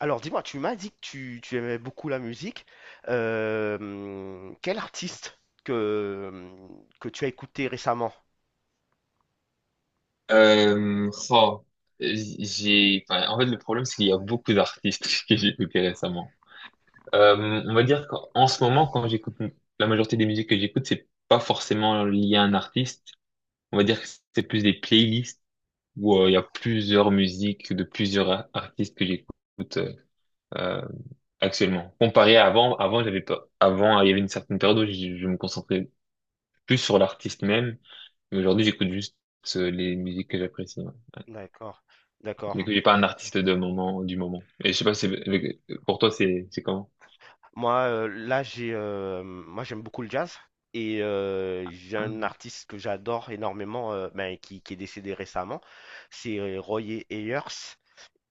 Alors dis-moi, tu m'as dit que tu aimais beaucoup la musique. Quel artiste que tu as écouté récemment? Euh, oh, en fait, le problème, c'est qu'il y a beaucoup d'artistes que j'ai écoutés récemment. On va dire qu'en ce moment, quand j'écoute la majorité des musiques que j'écoute, c'est pas forcément lié à un artiste. On va dire que c'est plus des playlists où il y a D'ac- plusieurs musiques de plusieurs artistes que j'écoute euh, actuellement. Comparé à avant, j'avais pas, avant, il y avait une certaine période où je me concentrais plus sur l'artiste même. Mais aujourd'hui, j'écoute juste les musiques que j'apprécie. Ouais. D'accord, d'accord. Du coup, j'ai pas un artiste de moment, du moment. Et je sais pas, pour toi, c'est comment? Moi, là, j'aime beaucoup le jazz et j'ai Ah, un artiste que j'adore énormément, qui est décédé récemment, c'est Roy Ayers.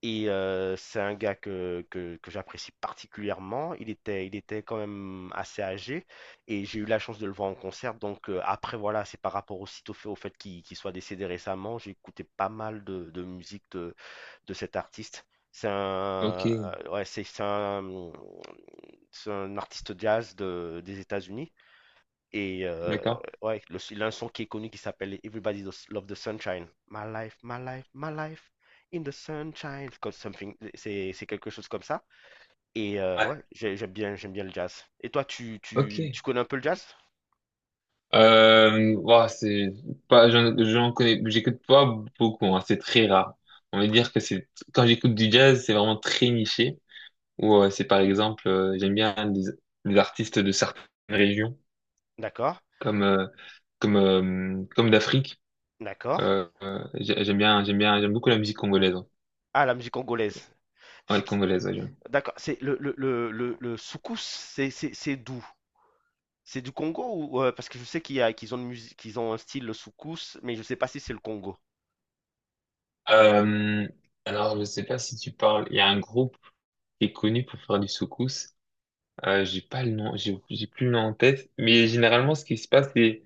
Et c'est un gars que j'apprécie particulièrement. Il était quand même assez âgé et j'ai eu la chance de le voir en concert. Donc après, voilà, c'est par rapport aussi au fait qu'il soit décédé récemment. J'ai écouté pas mal de musique de cet artiste. C'est un, ok, ouais, c'est un, C'est un artiste jazz des États-Unis. Et d'accord. ouais, il a un son qui est connu qui s'appelle Everybody Does Love the Sunshine. My life, my life, my life in the sunshine. Comme something, c'est quelque chose comme ça. Et Ouais. ouais, j'aime bien le jazz. Et toi, Ok. tu connais un peu le jazz? Ouah, c'est pas, j'en, j'en connais, j'écoute pas beaucoup, hein, c'est très rare. On va dire que quand j'écoute du jazz, c'est vraiment très niché. Ou c'est par exemple, j'aime bien des artistes de certaines régions, D'accord, comme, euh, comme d'Afrique. d'accord. J'aime beaucoup la musique congolaise, hein. Ah, la musique congolaise. Ah, C'est elle congolaise, ouais, d'accord, c'est le soukous, c'est d'où? C'est du Congo ou parce que je sais qu'il y a qu'ils ont une musique, qu'ils ont un style le soukous, mais je sais pas si c'est le Congo. Euh, alors, je sais pas si tu parles. Il y a un groupe qui est connu pour faire du soukous. J'ai pas le nom, j'ai plus le nom en tête. Mais généralement, ce qui se passe, c'est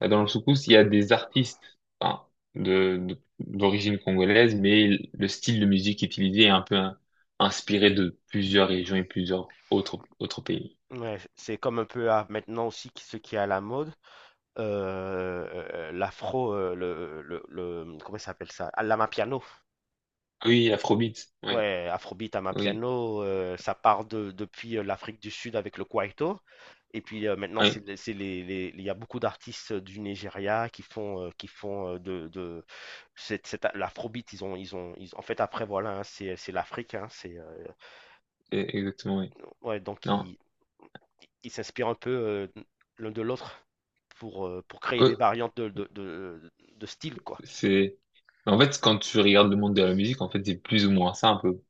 dans le soukous. Il y a des artistes, enfin, d'origine congolaise, mais le style de musique utilisé est un peu inspiré de plusieurs régions et plusieurs autres, autres pays. Ouais, c'est comme un peu à maintenant aussi ce qui est à la mode. L'afro, comment ça s'appelle ça? Ah, l'amapiano. Ah oui, Afrobeat, oui, Ouais, Afrobeat, oui, Amapiano, ça part depuis l'Afrique du Sud avec le Kwaito. Et puis maintenant, oui, il y a beaucoup d'artistes du Nigeria qui font de l'Afrobeat. En fait, après, voilà, hein, c'est l'Afrique. Hein, exactement, oui. ouais, donc, Non, ils s'inspirent un peu l'un de l'autre pour créer des eux, variantes de style, quoi. c'est... En fait, quand tu regardes le monde de la musique, en fait, c'est plus ou moins ça,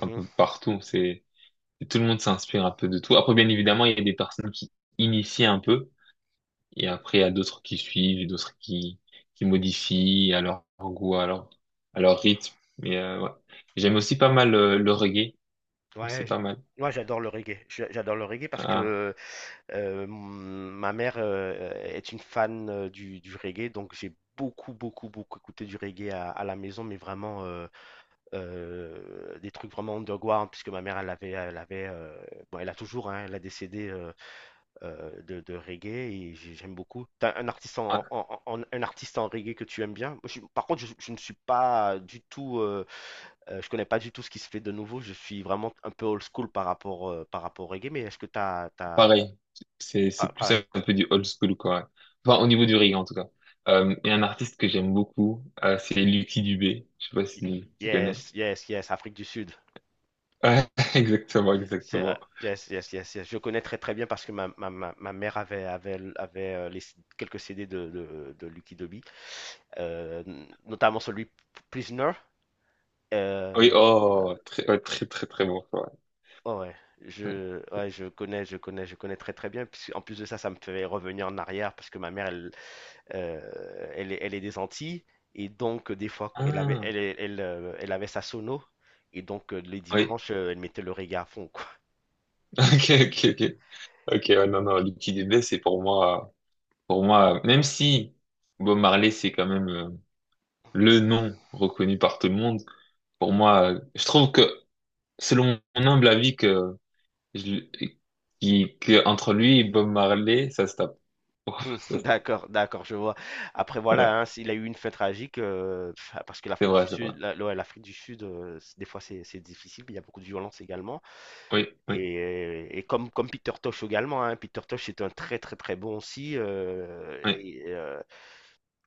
un peu partout. C'est, tout le monde s'inspire un peu de tout. Après, bien évidemment, il y a des personnes qui initient un peu, et après, il y a d'autres qui suivent, et d'autres qui modifient à leur goût, à leur rythme. Mais ouais. J'aime aussi pas mal le reggae. C'est Ouais, j- pas mal. Moi j'adore le reggae. J'adore le reggae parce Ah, que euh, mon- ma mère est une fan du reggae, donc j'ai beaucoup, beaucoup, beaucoup écouté du reggae à la maison, mais vraiment des trucs vraiment underground, puisque ma mère elle avait, bon, elle a toujours, hein, elle a décédé de reggae et j'aime beaucoup. T'as un artiste ah, un artiste en reggae que tu aimes bien? Par contre, je ne suis pas du tout je connais pas du tout ce qui se fait de nouveau. Je suis vraiment un peu old school par rapport au reggae, mais est-ce que t'as, pareil. C'est plus pareil, un peu du old school, quoi. Enfin, au niveau du reggae, en tout cas. Et un artiste que j'aime beaucoup, c'est Lucky Dubé. Je sais pas si tu connais. yes, yes, yes, Afrique du Sud. Ouais, exactement, C'est, euh, exactement. yes, yes, yes, yes. Je connais très très bien parce que ma mère avait les, quelques CD de Lucky Dube, euh, notamment celui Prisoner. Oui, Euh, oh, très, ouais, très, très, très bon choix. oh ouais, ouais, je connais très très bien. Puis en plus de ça, ça me fait revenir en arrière parce que ma mère, elle, Euh, elle est des Antilles et donc des fois elle avait, Ah, elle, elle, elle, elle avait sa sono et donc les oui, dimanches elle mettait le reggae à fond quoi. ok, ok, ok. Ok, ouais, non, non, Lucky Dubé, c'est pour moi. Pour moi, même si Bob Marley, c'est quand même le nom reconnu par tout le monde, pour moi, je trouve que, selon mon humble avis, je, que entre lui et Bob Marley, ça se tape. Ça se tape. d'accord, d'accord, je vois. Après Voilà. voilà, hein, il a eu une fin tragique pff, parce que C'est l'Afrique du vrai, c'est vrai. Sud, la- ouais, l'Afrique du Sud, des fois c'est difficile, il y a beaucoup de violence également. Oui, oui, Et comme, comme Peter Tosh également, hein, Peter Tosh est un très très très bon aussi. Oui. et, euh,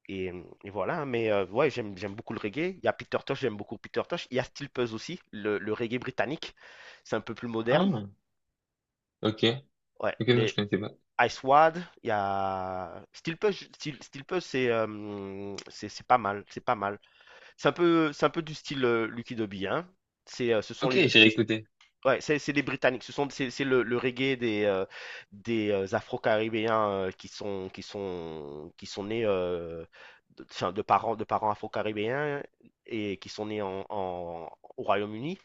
Et, mmh, et Voilà, hein, mais ouais, j'aime beaucoup le reggae. Il y a Peter Tosh, j'aime beaucoup Peter Tosh. Il y a Steel Pulse aussi, le reggae britannique. C'est un peu plus moderne. Ah, ok. Ouais, Ok, non, je les connaissais pas. Ice Wad, il y a Steel Pulse, Steel Pulse, c'est pas mal, c'est pas mal. C'est un peu du style Lucky Dubby, hein. C'est, ce sont Ok, les, j'ai ce- réécouté. Ouais, c'est les Britanniques. Ce sont c'est le reggae des Afro-Caribéens qui sont nés de parents Afro-Caribéens et qui sont nés au Royaume-Uni.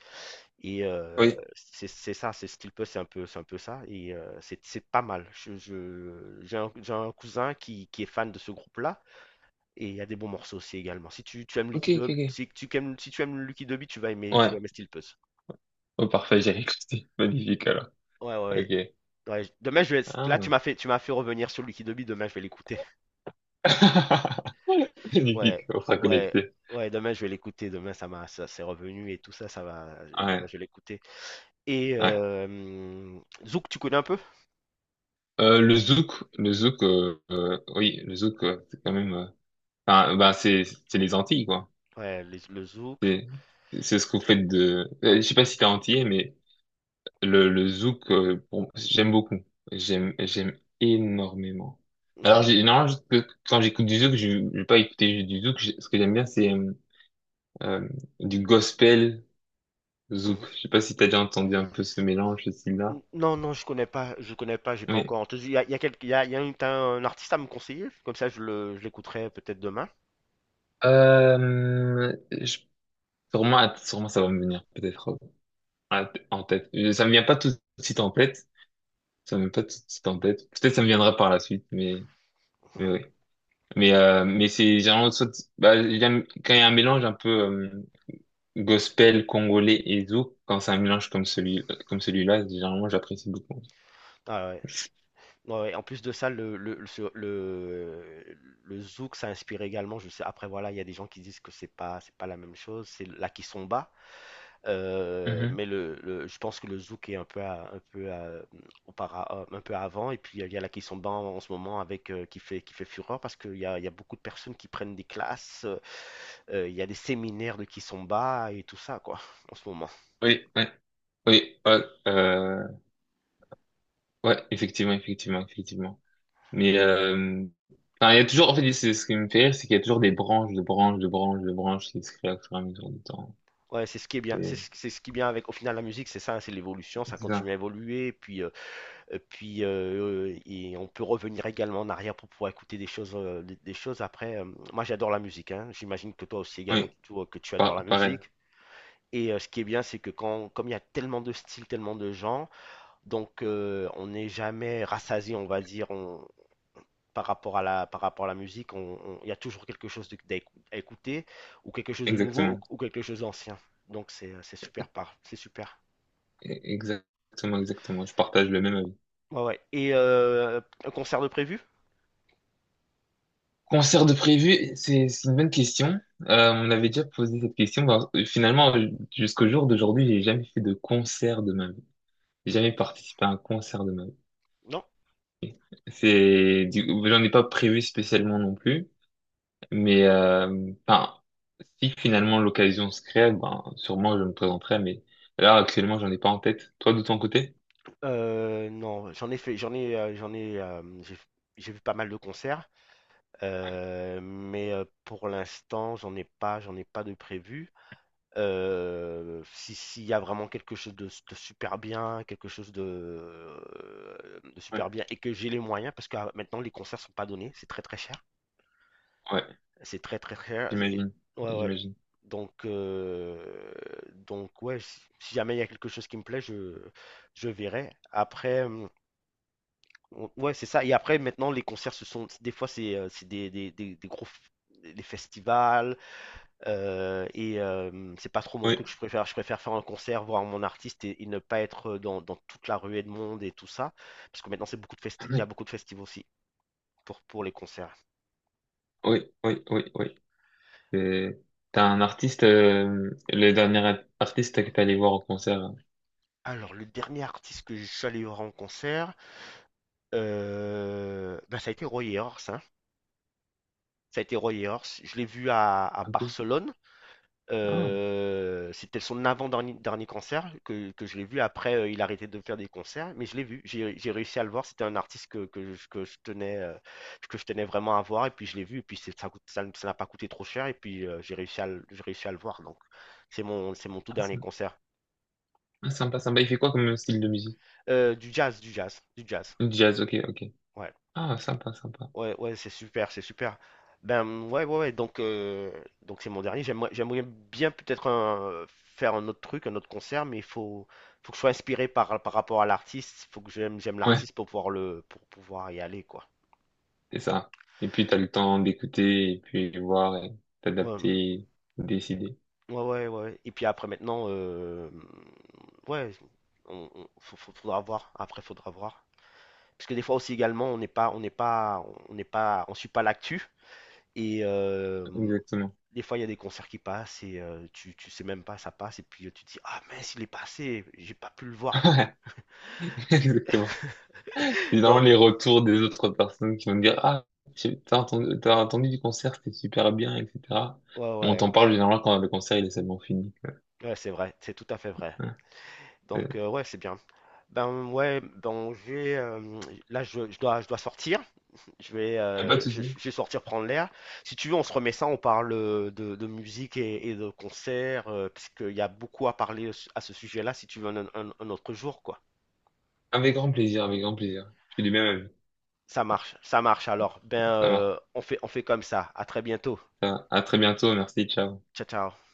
Et Oui. C'est ça, c'est un peu ça. Et c'est pas mal. J'ai j'ai un cousin qui est fan de ce groupe-là et il y a des bons morceaux aussi également. Si tu aimes Ok, Lucky ok, Dube, ok. Si tu aimes Lucky Dube, tu Ouais. vas aimer Steel Puss. Oh, parfait, j'ai réécouté. Magnifique, alors. Ouais, ouais, ouais. Ok. Demain je vais. Là Ah. Tu m'as fait revenir sur Lucky Dobby. Demain je vais l'écouter. Ouais, Magnifique, on sera ouais, connecté. ouais. Demain je vais l'écouter. Ça c'est revenu et tout ça, ça va. Demain Ouais, je vais l'écouter. Et ouais. Zouk, tu connais un peu? Le zouk, le zouk, oui, le zouk, c'est quand même, bah, c'est les Antilles, quoi. Le Zouk. C'est, c'est ce que vous faites, je sais pas si t'es antillais, mais le zouk, bon, j'aime beaucoup. J'aime, j'aime énormément. Alors, Ouais. j'ai, non, quand j'écoute du zouk, je vais pas écouter juste du zouk. Ce que j'aime bien, c'est euh, du gospel zouk. Mhm. Je sais pas si t'as déjà entendu un peu ce mélange, ce style-là. Non, non, je connais pas. Je connais pas. J'ai pas Oui. encore entendu. Il y a, quelques- il y a- Il y a un, t'as un artiste à me conseiller. Comme ça je l'écouterai peut-être demain. Euh, je, sûrement, sûrement ça va me venir, peut-être, en tête. Ça me vient pas tout de suite en tête. Ça me vient pas tout de suite en tête. Peut-être ça me viendra par la suite, Mhm. mais oui. Mais c'est généralement soit bah, j'aime quand il y a un mélange un peu gospel congolais et zouk. Quand c'est un mélange comme celui comme celui-là, généralement j'apprécie beaucoup. Ah ouais. Ouais, en plus de ça, le zouk, ça inspire également. Je sais, après, voilà, il y a des gens qui disent que c'est pas la même chose, c'est la kizomba. Mhm. Je pense que le zouk est un peu, un peu avant. Et puis, il y a la kizomba en ce moment avec, qui fait fureur parce qu'il y a, il y a beaucoup de personnes qui prennent des classes. Il y a des séminaires de kizomba et tout ça, quoi, en ce moment. Oui, ouais, oui, ouais, ouais, effectivement, effectivement, effectivement. Mais il y a toujours en fait c'est ce qui me fait rire, c'est qu'il y a toujours des branches, de branches, de branches, de branches qui se créent au fur et à mesure du temps. Ouais, c'est ce qui est bien. Et- C'est ce qui est bien avec, au final, la musique, c'est ça, hein, c'est l'évolution, ça C'est continue ça. à évoluer. Et puis, et on peut revenir également en arrière pour pouvoir écouter des choses, des choses après. Moi, j'adore la musique, hein. J'imagine que toi aussi également, Oui. Que tu adores la Pareil, musique. Et ce qui est bien, c'est que quand, comme il y a tellement de styles, tellement de genres, donc on n'est jamais rassasié, on va dire, par rapport à la musique, il y a toujours quelque chose à écouter, ou quelque chose de nouveau, exactement. ou quelque chose d'ancien. Donc c'est super. Exactement, exactement. Je partage le même avis. Ouais, ouais. Et un concert de prévu? Concert de prévu, c'est une bonne question. On avait déjà posé cette question. Bah, finalement, jusqu'au jour d'aujourd'hui, j'ai jamais fait de concert de ma vie. J'ai jamais participé à un concert de ma vie. Non? J'en ai pas prévu spécialement non plus. Mais, si finalement l'occasion se crée, ben, sûrement je me présenterai. Mais là, actuellement, j'en ai pas en tête. Toi, de ton côté? Non, j'en ai fait j'en ai, hem, j'ai vu pas mal de concerts, pour l'instant, j'en ai pas de prévu. Si s'il y a vraiment quelque chose de super bien, quelque chose de Ouais, super bien et que j'ai les moyens parce que à maintenant les concerts sont pas donnés, c'est très, très cher. ouais, C'est très, très cher et j'imagine, ouais, ouais. j'imagine. Donc, heu, donc ouais, si jamais il y a quelque chose qui me plaît, je verrai. Après, Ouais, c'est ça. Et après, maintenant, les concerts, ce sont des fois, c'est des gros des festivals c'est pas trop mon Oui. truc. Je préfère faire un concert, voir mon artiste et ne pas être dans toute la ruée de monde et tout ça. Parce que maintenant, c'est beaucoup de festi- il y a beaucoup de festivals aussi pour les concerts. Oui, oui, oui, oui. Euh, t'as un artiste, le dernier artiste que t'es allé voir au concert, Alors, le dernier artiste que je suis allé voir en concert, ben, ça a été Roy Ayers, hein. Ça a été Roy Ayers. Je l'ai vu à un peu. Barcelone. Ah, C'était son avant-dernier dernier concert que je l'ai vu. Après, il a arrêté de faire des concerts, mais je l'ai vu. J'ai réussi à le voir. C'était un artiste que je tenais vraiment à voir. Et puis, je l'ai vu. Et puis, c'est- ça coûte- ça ça n'a pas coûté trop cher. Et puis, j'ai réussi à le voir. Donc, c'est mon tout ah, dernier sy- concert. ah, sympa, sympa. Il fait quoi comme style de musique? Du jazz, du jazz, du jazz. Jazz, ok, ok. Ouais. Ah, sympa, sympa. Ouais, ouais, c'est super, c'est super. Ben ouais, ouais, ouais. Donc c'est mon dernier. J'aimerais bien peut-être faire un autre truc, un autre concert, mais faut que je sois inspiré par, par rapport à l'artiste. Il faut que j'aime Ouais, l'artiste pour pouvoir pour pouvoir y aller, quoi. c'est ça. Et puis t'as le temps d'écouter, et puis de voir, et Ouais, t'adapter, décider. ouais, ouais, ouais. Et puis après maintenant, ouais, faudra voir. Après, faudra voir. Parce que des fois aussi également, on n'est pas, on suit pas l'actu. Et Exactement. des fois, il y a des concerts qui passent et tu sais même pas ça passe et puis, tu te dis: «Ah mince, il est passé, j'ai pas pu le voir». Ouais, exactement. C'est vraiment Donc les retours des autres personnes qui vont me dire, ah, t'as entendu du concert, c'était super bien, etc. ouais, Mais on ouais, ouais, t'en parle généralement quand le concert il est seulement fini. ouais, c'est vrai, c'est tout à fait vrai. Ouais. Donc ouais, c'est bien. Ben, ouais, donc là, je dois sortir. Je vais, Y a pas de souci. je vais sortir prendre l'air. Si tu veux, on se remet ça, on parle, de musique et de concerts, parce qu'il y a beaucoup à parler à ce sujet-là, si tu veux, un autre jour, quoi. Avec grand plaisir, avec grand plaisir. Je suis du même avis. Ça marche alors. Ben, Ça marche. On fait comme ça. À très bientôt. Ça va. À très bientôt. Merci. Ciao. Ciao, ciao.